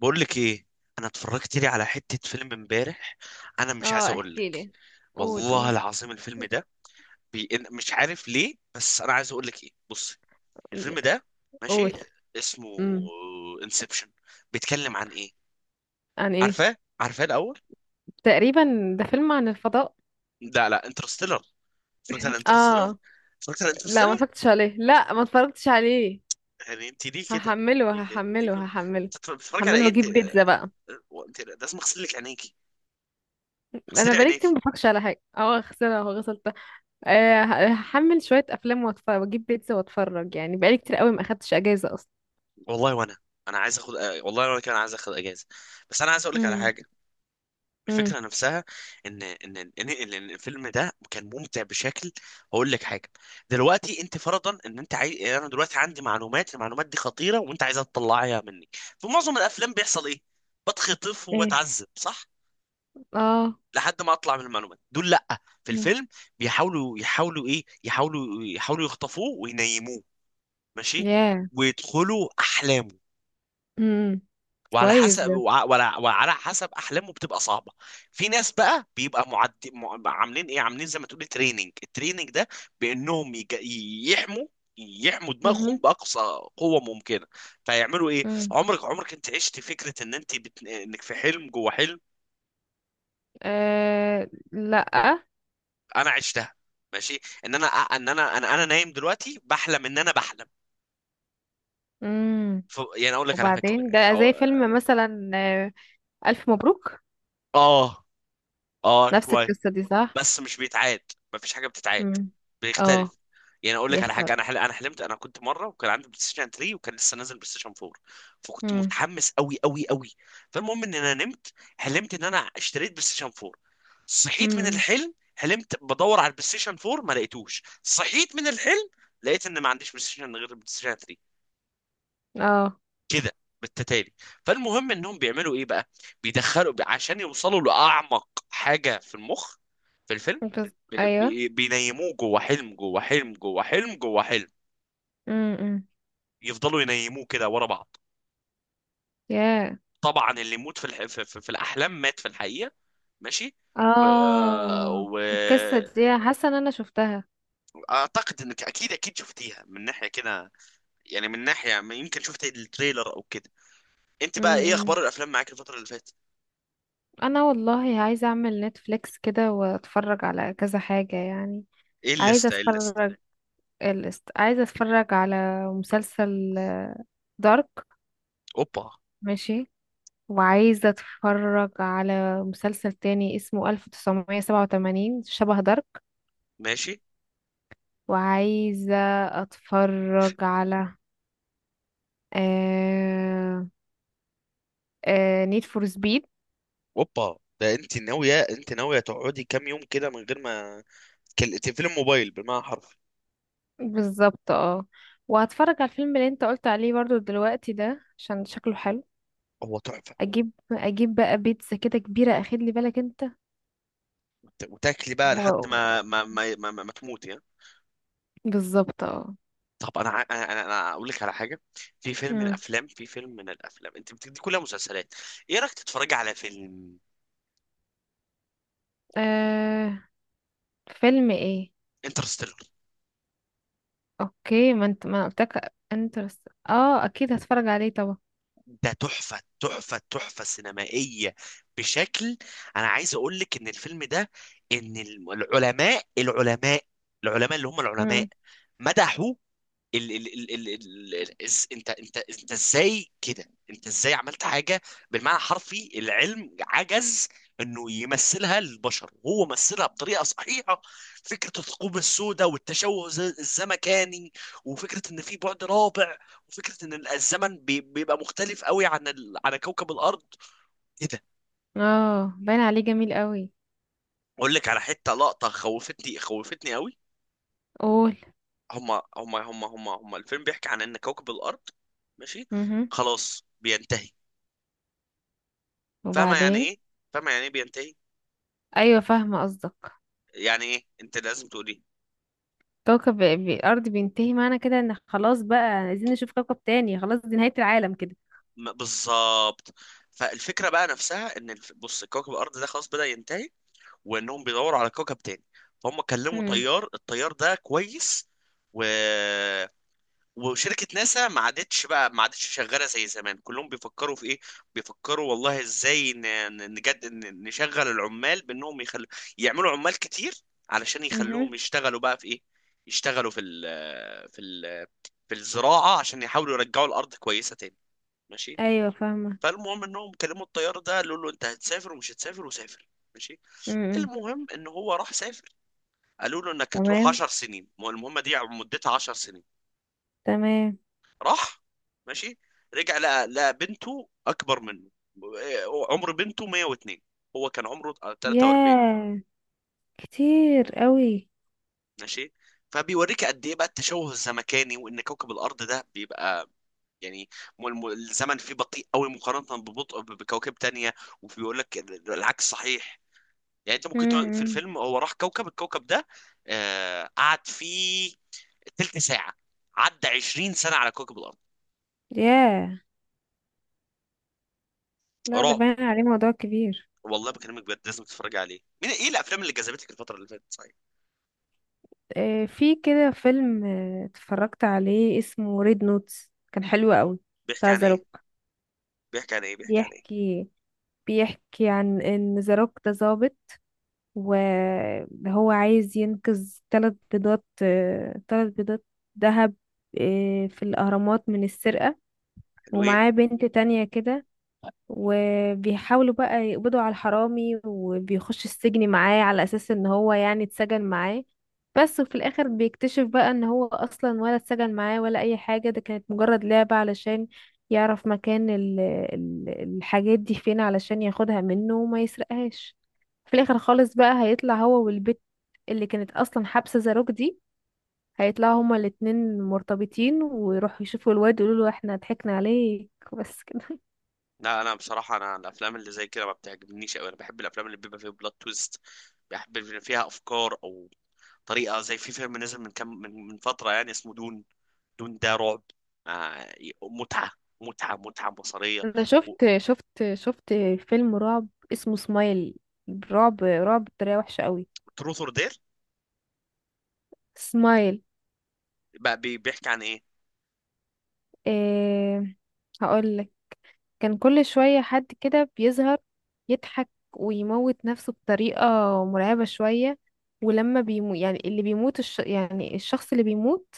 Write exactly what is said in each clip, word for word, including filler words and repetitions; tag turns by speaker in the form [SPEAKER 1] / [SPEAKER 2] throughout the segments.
[SPEAKER 1] بقول لك ايه. انا اتفرجت لي على حته فيلم امبارح. انا مش عايز
[SPEAKER 2] اه،
[SPEAKER 1] اقول
[SPEAKER 2] احكي
[SPEAKER 1] لك.
[SPEAKER 2] لي. قول
[SPEAKER 1] والله
[SPEAKER 2] قول
[SPEAKER 1] العظيم الفيلم ده بي... إن- مش عارف ليه، بس انا عايز اقول لك ايه، بص. الفيلم ده، ماشي،
[SPEAKER 2] قول.
[SPEAKER 1] اسمه
[SPEAKER 2] امم.
[SPEAKER 1] انسبشن. بيتكلم عن ايه؟
[SPEAKER 2] عن ايه؟
[SPEAKER 1] عارفاه عارفاه الاول؟
[SPEAKER 2] تقريبا ده فيلم عن الفضاء.
[SPEAKER 1] لا لا انترستيلر. اتفرجت على انترستيلر.
[SPEAKER 2] اه،
[SPEAKER 1] اتفرجت على
[SPEAKER 2] لا ما
[SPEAKER 1] انترستيلر.
[SPEAKER 2] اتفرجتش عليه، لا ما اتفرجتش عليه.
[SPEAKER 1] يعني انت ليه كده؟ ليه
[SPEAKER 2] هحمله
[SPEAKER 1] كده ليه
[SPEAKER 2] هحمله
[SPEAKER 1] كده؟
[SPEAKER 2] هحمله
[SPEAKER 1] أنت بتتفرج على
[SPEAKER 2] هحمله
[SPEAKER 1] ايه انت
[SPEAKER 2] واجيب بيتزا
[SPEAKER 1] آه،
[SPEAKER 2] بقى.
[SPEAKER 1] آه، انت لازم اغسل لك عينيكي.
[SPEAKER 2] انا
[SPEAKER 1] اغسلي
[SPEAKER 2] بقالي كتير
[SPEAKER 1] عينيكي.
[SPEAKER 2] ما اتفرجش على حاجه، اه خسرها وغسلتها. آه، ه- هحمل شويه افلام واتفرج واجيب بيتزا واتفرج، يعني بقالي كتير قوي ما اخدتش اجازه اصلا.
[SPEAKER 1] والله وانا. انا عايز اخد آه، والله وانا كان عايز اخد اجازه. بس انا عايز اقول لك على
[SPEAKER 2] امم.
[SPEAKER 1] حاجه.
[SPEAKER 2] امم.
[SPEAKER 1] الفكره نفسها ان ان ان إن- إن الفيلم ده كان ممتع بشكل. هقول لك حاجه. دلوقتي انت فرضا ان انت عايز، انا دلوقتي عندي معلومات، المعلومات دي خطيره، وانت عايزها تطلعيها مني. في معظم الافلام بيحصل ايه؟ بتخطف
[SPEAKER 2] ايه.
[SPEAKER 1] وبتعذب، صح؟
[SPEAKER 2] اه.
[SPEAKER 1] لحد ما اطلع من المعلومات دول، لا، في
[SPEAKER 2] مم.
[SPEAKER 1] الفيلم بيحاولوا يحاولوا ايه يحاولوا يحاولوا يخطفوه وينيموه. ماشي.
[SPEAKER 2] ياه.
[SPEAKER 1] ويدخلوا احلامه.
[SPEAKER 2] امم.
[SPEAKER 1] وعلى
[SPEAKER 2] كويس
[SPEAKER 1] حسب
[SPEAKER 2] ده.
[SPEAKER 1] وع- وعلى وعلى حسب احلامه بتبقى صعبه. في ناس بقى بيبقى معد... مع- عاملين ايه، عاملين زي ما تقولي تريننج التريننج ده. بانهم يج... يحموا يحموا دماغهم باقصى قوه ممكنه. فيعملوا ايه؟
[SPEAKER 2] امم.
[SPEAKER 1] عمرك عمرك انت عشت فكره ان انت بت... انك في حلم جوه حلم؟
[SPEAKER 2] أه، لأ.
[SPEAKER 1] انا عشتها. ماشي، ان انا ان انا انا, أنا نايم دلوقتي بحلم ان انا بحلم.
[SPEAKER 2] مم.
[SPEAKER 1] ف... يعني اقول لك على فكره.
[SPEAKER 2] وبعدين ده
[SPEAKER 1] اه.
[SPEAKER 2] زي فيلم مثلا، آه. ألف مبروك.
[SPEAKER 1] اه. آه،
[SPEAKER 2] نفس
[SPEAKER 1] شويه.
[SPEAKER 2] القصة دي صح؟
[SPEAKER 1] بس مش بيتعاد. مفيش حاجه بتتعاد.
[SPEAKER 2] مم. اه،
[SPEAKER 1] بيختلف. يعني اقول لك على حاجه،
[SPEAKER 2] بيختار.
[SPEAKER 1] انا حل... انا حلمت. انا كنت مره وكان عندي بلاي ستيشن ثلاثة، وكان لسه نازل بلاي ستيشن اربعة. فكنت
[SPEAKER 2] مم.
[SPEAKER 1] متحمس قوي قوي قوي. فالمهم ان انا نمت، حلمت ان انا اشتريت بلاي ستيشن اربعة. صحيت من
[SPEAKER 2] مم.
[SPEAKER 1] الحلم، حلمت بدور على البلاي ستيشن اربعة ما لقيتوش، صحيت من الحلم. لقيت ان ما عنديش بلاي ستيشن غير البلاي ستيشن تلاتة.
[SPEAKER 2] اه.
[SPEAKER 1] كده، بالتتالي. فالمهم انهم بيعملوا ايه بقى؟ بيدخلوا عشان يوصلوا لاعمق حاجه في المخ، في الفيلم.
[SPEAKER 2] بس.
[SPEAKER 1] بي-
[SPEAKER 2] أيوه.
[SPEAKER 1] بي- بينيموه جوه حلم جوه حلم جوه حلم جوه حلم.
[SPEAKER 2] مم. مم.
[SPEAKER 1] يفضلوا ينيموه كده ورا بعض.
[SPEAKER 2] ياه.
[SPEAKER 1] طبعا اللي يموت في الح... في, في, في الاحلام مات في الحقيقه. ماشي. و...
[SPEAKER 2] اه،
[SPEAKER 1] و...
[SPEAKER 2] القصة دي حاسة إن أنا شفتها.
[SPEAKER 1] اعتقد انك اكيد اكيد شفتيها من ناحيه كده. يعني من ناحيه ما، يمكن شفت التريلر او كده. انت بقى، ايه
[SPEAKER 2] مم.
[SPEAKER 1] اخبار الافلام معاك الفتره اللي فاتت؟
[SPEAKER 2] أنا والله عايزة أعمل نتفليكس كده وأتفرج على كذا حاجة يعني.
[SPEAKER 1] ايه
[SPEAKER 2] عايزة
[SPEAKER 1] الليسته ايه الليسته؟
[SPEAKER 2] أتفرج. الست... عايزة أتفرج على مسلسل دارك.
[SPEAKER 1] اوبا.
[SPEAKER 2] ماشي. وعايزة اتفرج على مسلسل تاني اسمه ألف وتسعمية سبعه وتمانين شبه دارك.
[SPEAKER 1] ماشي.
[SPEAKER 2] وعايزة اتفرج على آه آه نيد فور سبيد.
[SPEAKER 1] اوبا، ده انت ناويه، انت ناويه تقعدي كام يوم كده من غير ما تكل- تقفلي الموبايل بالمعنى حرفي.
[SPEAKER 2] بالظبط اه. وهتفرج على الفيلم اللي انت قلت عليه برضو دلوقتي ده عشان شكله حلو.
[SPEAKER 1] هو تحفه.
[SPEAKER 2] اجيب اجيب بقى بيتزا كده كبيرة، اخد لي بالك انت.
[SPEAKER 1] وت- وتاكلي بقى لحد ما
[SPEAKER 2] و-
[SPEAKER 1] ما ما, ما, ما, ما تموتي ها؟
[SPEAKER 2] بالظبط اه.
[SPEAKER 1] طب انا ع- انا انا أنا اقول لك على حاجه. في فيلم من
[SPEAKER 2] مم.
[SPEAKER 1] الافلام في فيلم من الافلام، انت بتدي كلها مسلسلات. ايه رايك تتفرجي على فيلم؟
[SPEAKER 2] آه. فيلم ايه؟
[SPEAKER 1] انترستيلر.
[SPEAKER 2] اوكي. ما انت ما أنا قلتلك انترست، اه اكيد هتفرج عليه طبعا.
[SPEAKER 1] ده تحفه تحفه تحفه سينمائيه بشكل. انا عايز اقول لك ان الفيلم ده، ان العلماء العلماء العلماء اللي هم العلماء
[SPEAKER 2] امم.
[SPEAKER 1] مدحوا ال ال ال ال ال ال إز- انت انت انت ازاي كده انت ازاي عملت حاجه. بالمعنى الحرفي، العلم عجز انه يمثلها للبشر، وهو مثلها بطريقه صحيحه. فكره الثقوب السوداء، والتشوه الز- الزمكاني. وفكره ان في بعد رابع. وفكره ان ال- الزمن بي- بيبقى مختلف قوي عن ال... عن كوكب الارض. ايه ده.
[SPEAKER 2] اه، باين عليه جميل قوي.
[SPEAKER 1] اقول لك على حته لقطه خوفتني خوفتني قوي.
[SPEAKER 2] قول.
[SPEAKER 1] هما هما هما هما هما الفيلم بيحكي عن ان كوكب الارض، ماشي،
[SPEAKER 2] امم.
[SPEAKER 1] خلاص بينتهي. فاهمه يعني
[SPEAKER 2] وبعدين.
[SPEAKER 1] ايه؟ فاهمه يعني ايه بينتهي؟
[SPEAKER 2] ايوه فاهمه قصدك.
[SPEAKER 1] يعني ايه، انت لازم تقولي.
[SPEAKER 2] كوكب ب- الارض بينتهي، معنى كده ان خلاص بقى عايزين نشوف كوكب تاني، خلاص دي نهايه العالم كده.
[SPEAKER 1] م- بالظبط. فالفكره بقى نفسها، ان الف... بص، كوكب الارض ده خلاص بدأ ينتهي. وانهم بيدوروا على كوكب تاني. فهم كلموا
[SPEAKER 2] امم.
[SPEAKER 1] طيار الطيار ده كويس. و وشركة ناسا ما عادتش بقى ما عادتش شغالة زي زمان، كلهم بيفكروا في ايه؟ بيفكروا والله ازاي ن- ن- نجد ن- نشغل العمال بانهم يخلوا يعملوا عمال كتير، علشان
[SPEAKER 2] امم.
[SPEAKER 1] يخلوهم يشتغلوا بقى في ايه. يشتغلوا في ال في ال في الزراعة، عشان يحاولوا يرجعوا الأرض كويسة تاني. ماشي.
[SPEAKER 2] ايوه فاهمه.
[SPEAKER 1] فالمهم انهم كلموا الطيار ده، قالوا له انت هتسافر ومش هتسافر، وسافر. ماشي.
[SPEAKER 2] امم.
[SPEAKER 1] المهم ان هو راح سافر. قالوا له انك هتروح
[SPEAKER 2] تمام.
[SPEAKER 1] عشر سنين، المهمة دي مدتها عشر سنين.
[SPEAKER 2] تمام.
[SPEAKER 1] راح. ماشي. رجع لقى لقى بنته اكبر منه. عمر بنته مية واتنين، هو كان عمره تلاتة واربعين.
[SPEAKER 2] ياه، كتير قوي.
[SPEAKER 1] ماشي. فبيوريك قد ايه بقى التشوه الزمكاني، وان كوكب الارض ده بيبقى يعني م- م- الزمن فيه بطيء قوي مقارنة ببطء ب- بكواكب تانية. وبيقول لك ال- العكس صحيح. يعني انت ممكن تقعد، في
[SPEAKER 2] امم.
[SPEAKER 1] الفيلم هو راح كوكب الكوكب ده، آه قعد فيه تلت ساعة، عدى عشرين سنة على كوكب الارض.
[SPEAKER 2] ياه. لا ده
[SPEAKER 1] رعب،
[SPEAKER 2] باين عليه موضوع كبير.
[SPEAKER 1] والله بكلمك بجد، لازم تتفرج عليه. مين، ايه الافلام اللي جذبتك الفتره اللي فاتت، صحيح؟
[SPEAKER 2] آه، في كده فيلم آه، اتفرجت عليه اسمه ريد نوتس، كان حلو قوي.
[SPEAKER 1] بيحكي
[SPEAKER 2] بتاع
[SPEAKER 1] عن
[SPEAKER 2] ذا
[SPEAKER 1] ايه؟
[SPEAKER 2] روك.
[SPEAKER 1] بيحكي عن ايه؟ بيحكي عن ايه؟
[SPEAKER 2] بيحكي بيحكي عن ان ذا روك ده ظابط، وهو عايز ينقذ ثلاث بيضات، ثلاث بيضات ذهب، آه، في الأهرامات من السرقة.
[SPEAKER 1] حلوين.
[SPEAKER 2] ومعاه بنت تانية كده. وبيحاولوا بقى يقبضوا على الحرامي، وبيخش السجن معاه على اساس ان هو يعني اتسجن معاه بس. وفي الاخر بيكتشف بقى ان هو اصلا ولا اتسجن معاه ولا اي حاجة، ده كانت مجرد لعبة علشان يعرف مكان ال ال الحاجات دي فين علشان ياخدها منه وما يسرقهاش. في الاخر خالص بقى هيطلع هو والبت اللي كانت اصلا حابسة زاروك دي، هيطلعوا هما الاتنين مرتبطين ويروحوا يشوفوا الواد يقولوا له احنا ضحكنا عليك بس كده.
[SPEAKER 1] لا انا بصراحه، انا الافلام اللي زي كده ما بتعجبنيش قوي، انا بحب الافلام اللي بيبقى فيها بلوت تويست. بحب اللي فيها افكار او طريقه، زي في فيلم نزل من كم من, من فتره يعني، اسمه دون. دون ده رعب. آه. متعه. متعه متعه بصريه.
[SPEAKER 2] انا شفت شفت شفت فيلم رعب اسمه سمايل، رعب رعب بطريقه وحشه قوي.
[SPEAKER 1] تروث اور دير.
[SPEAKER 2] سمايل.
[SPEAKER 1] بقى بي- بيحكي عن ايه؟
[SPEAKER 2] إيه، هقول لك. كان كل شويه حد كده بيظهر، يضحك ويموت نفسه بطريقه مرعبه شويه. ولما بيمو يعني اللي بيموت، الش... يعني الشخص اللي بيموت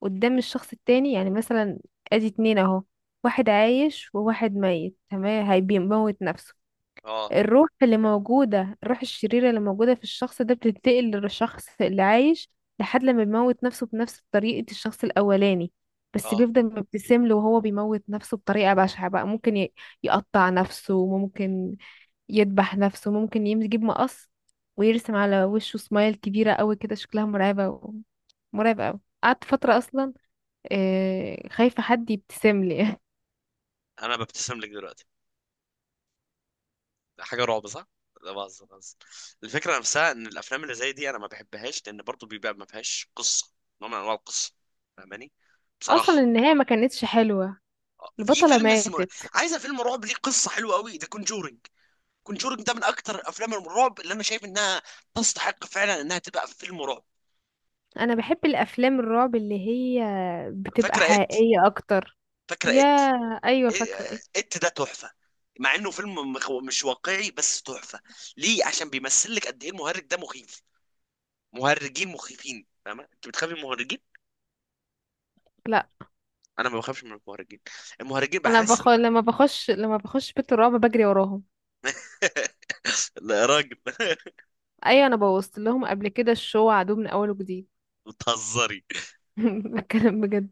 [SPEAKER 2] قدام الشخص التاني، يعني مثلا ادي اتنين اهو، واحد عايش وواحد ميت، تمام، هيموت نفسه.
[SPEAKER 1] اه.
[SPEAKER 2] الروح اللي موجودة، الروح الشريرة اللي موجودة في الشخص ده بتنتقل للشخص اللي عايش، لحد لما بيموت نفسه بنفس طريقة الشخص الأولاني، بس
[SPEAKER 1] اه.
[SPEAKER 2] بيفضل مبتسم له، وهو بيموت نفسه بطريقة بشعة بقى، ممكن ي- يقطع نفسه، ممكن يذبح نفسه، ممكن يم- يجيب مقص ويرسم على وشه سمايل كبيرة قوي كده شكلها مرعبة، و... مرعب قوي قعدت فترة أصلا آه، خايفة حد يبتسم لي.
[SPEAKER 1] انا ببتسم لك دلوقتي. حاجه رعب صح؟ لا بهزر بهزر. الفكره نفسها، ان الافلام اللي زي دي انا ما بحبهاش، لان برضو بيبقى ما فيهاش قصه، نوع من انواع القصه. فاهماني؟ بصراحه.
[SPEAKER 2] أصلا النهاية ما كانتش حلوة.
[SPEAKER 1] آه، في
[SPEAKER 2] البطلة
[SPEAKER 1] فيلم اسمه.
[SPEAKER 2] ماتت.
[SPEAKER 1] عايزه فيلم رعب ليه قصه حلوه قوي، ده كونجورنج. كونجورنج ده من اكتر افلام الرعب اللي انا شايف انها تستحق فعلا انها تبقى في فيلم رعب.
[SPEAKER 2] انا بحب الافلام الرعب اللي هي بتبقى
[SPEAKER 1] فاكره ات؟
[SPEAKER 2] حقيقية اكتر.
[SPEAKER 1] فاكره
[SPEAKER 2] يا
[SPEAKER 1] ات؟
[SPEAKER 2] ايوه، فاكرة ايه؟
[SPEAKER 1] ات ده تحفه. مع انه فيلم مخ- مش واقعي، بس تحفه. ليه؟ عشان بيمثل لك قد ايه المهرج ده مخيف. مهرجين مخيفين، فاهمه؟ انت بتخافي من المهرجين؟
[SPEAKER 2] لا،
[SPEAKER 1] انا ما بخافش من المهرجين. المهرجين
[SPEAKER 2] انا
[SPEAKER 1] بحس.
[SPEAKER 2] بخ... لما بخش لما بخش بيت الرعب بجري وراهم.
[SPEAKER 1] لا يا راجل
[SPEAKER 2] ايوه انا بوظت لهم قبل كده الشو، عدو من اول وجديد.
[SPEAKER 1] بتهزري.
[SPEAKER 2] بتكلم بجد.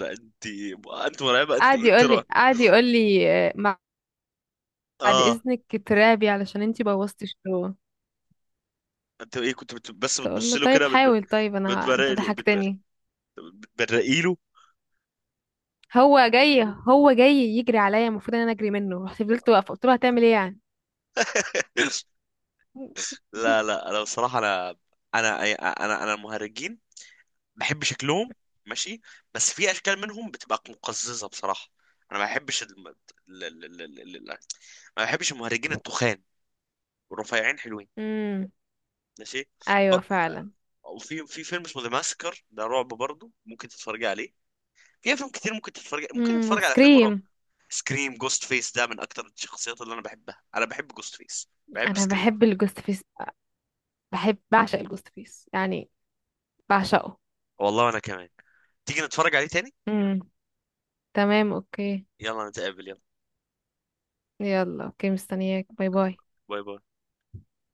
[SPEAKER 1] لا، انت، انت مرعبه، انت
[SPEAKER 2] قعد
[SPEAKER 1] انت
[SPEAKER 2] يقول
[SPEAKER 1] رعب.
[SPEAKER 2] لي قعد يقول لي آه، مع- بعد
[SPEAKER 1] اه.
[SPEAKER 2] اذنك ترابي علشان انتي بوظتي الشو.
[SPEAKER 1] انت ايه كنت بت... بس
[SPEAKER 2] تقول
[SPEAKER 1] بتبص
[SPEAKER 2] له
[SPEAKER 1] له
[SPEAKER 2] طيب
[SPEAKER 1] كده بتب...
[SPEAKER 2] حاول، طيب انا
[SPEAKER 1] بتبرق
[SPEAKER 2] انت
[SPEAKER 1] لي بتبرق
[SPEAKER 2] ضحكتني.
[SPEAKER 1] بتبرقي له.
[SPEAKER 2] هو جاي هو جاي يجري عليا المفروض ان انا اجري منه، رحت فضلت واقفه قلت له هتعمل ايه يعني.
[SPEAKER 1] لا لا انا بصراحه انا انا انا انا المهرجين بحب شكلهم، ماشي، بس في اشكال منهم بتبقى مقززه بصراحه. انا ما بحبش الم... ال... ال... ال... ال... ال- ما بحبش المهرجين التخان، والرفيعين حلوين.
[SPEAKER 2] امم.
[SPEAKER 1] ماشي. ب...
[SPEAKER 2] ايوه فعلا.
[SPEAKER 1] وفي في فيلم اسمه ذا ماسكر، ده رعب برضه، ممكن تتفرج عليه. في افلام كتير ممكن تتفرج ممكن
[SPEAKER 2] امم.
[SPEAKER 1] تتفرج على فيلم رعب.
[SPEAKER 2] وسكريم.
[SPEAKER 1] سكريم، جوست فيس ده من اكتر الشخصيات اللي انا بحبها، انا بحب جوست فيس. بحب
[SPEAKER 2] انا
[SPEAKER 1] سكريم.
[SPEAKER 2] بحب الجوست فيس، بحب بعشق الجوست فيس يعني، بعشقه.
[SPEAKER 1] والله انا كمان. تيجي نتفرج عليه تاني.
[SPEAKER 2] امم. تمام اوكي.
[SPEAKER 1] يلا نتقابل يلا.
[SPEAKER 2] يلا اوكي، مستنياك، باي باي.
[SPEAKER 1] باي باي.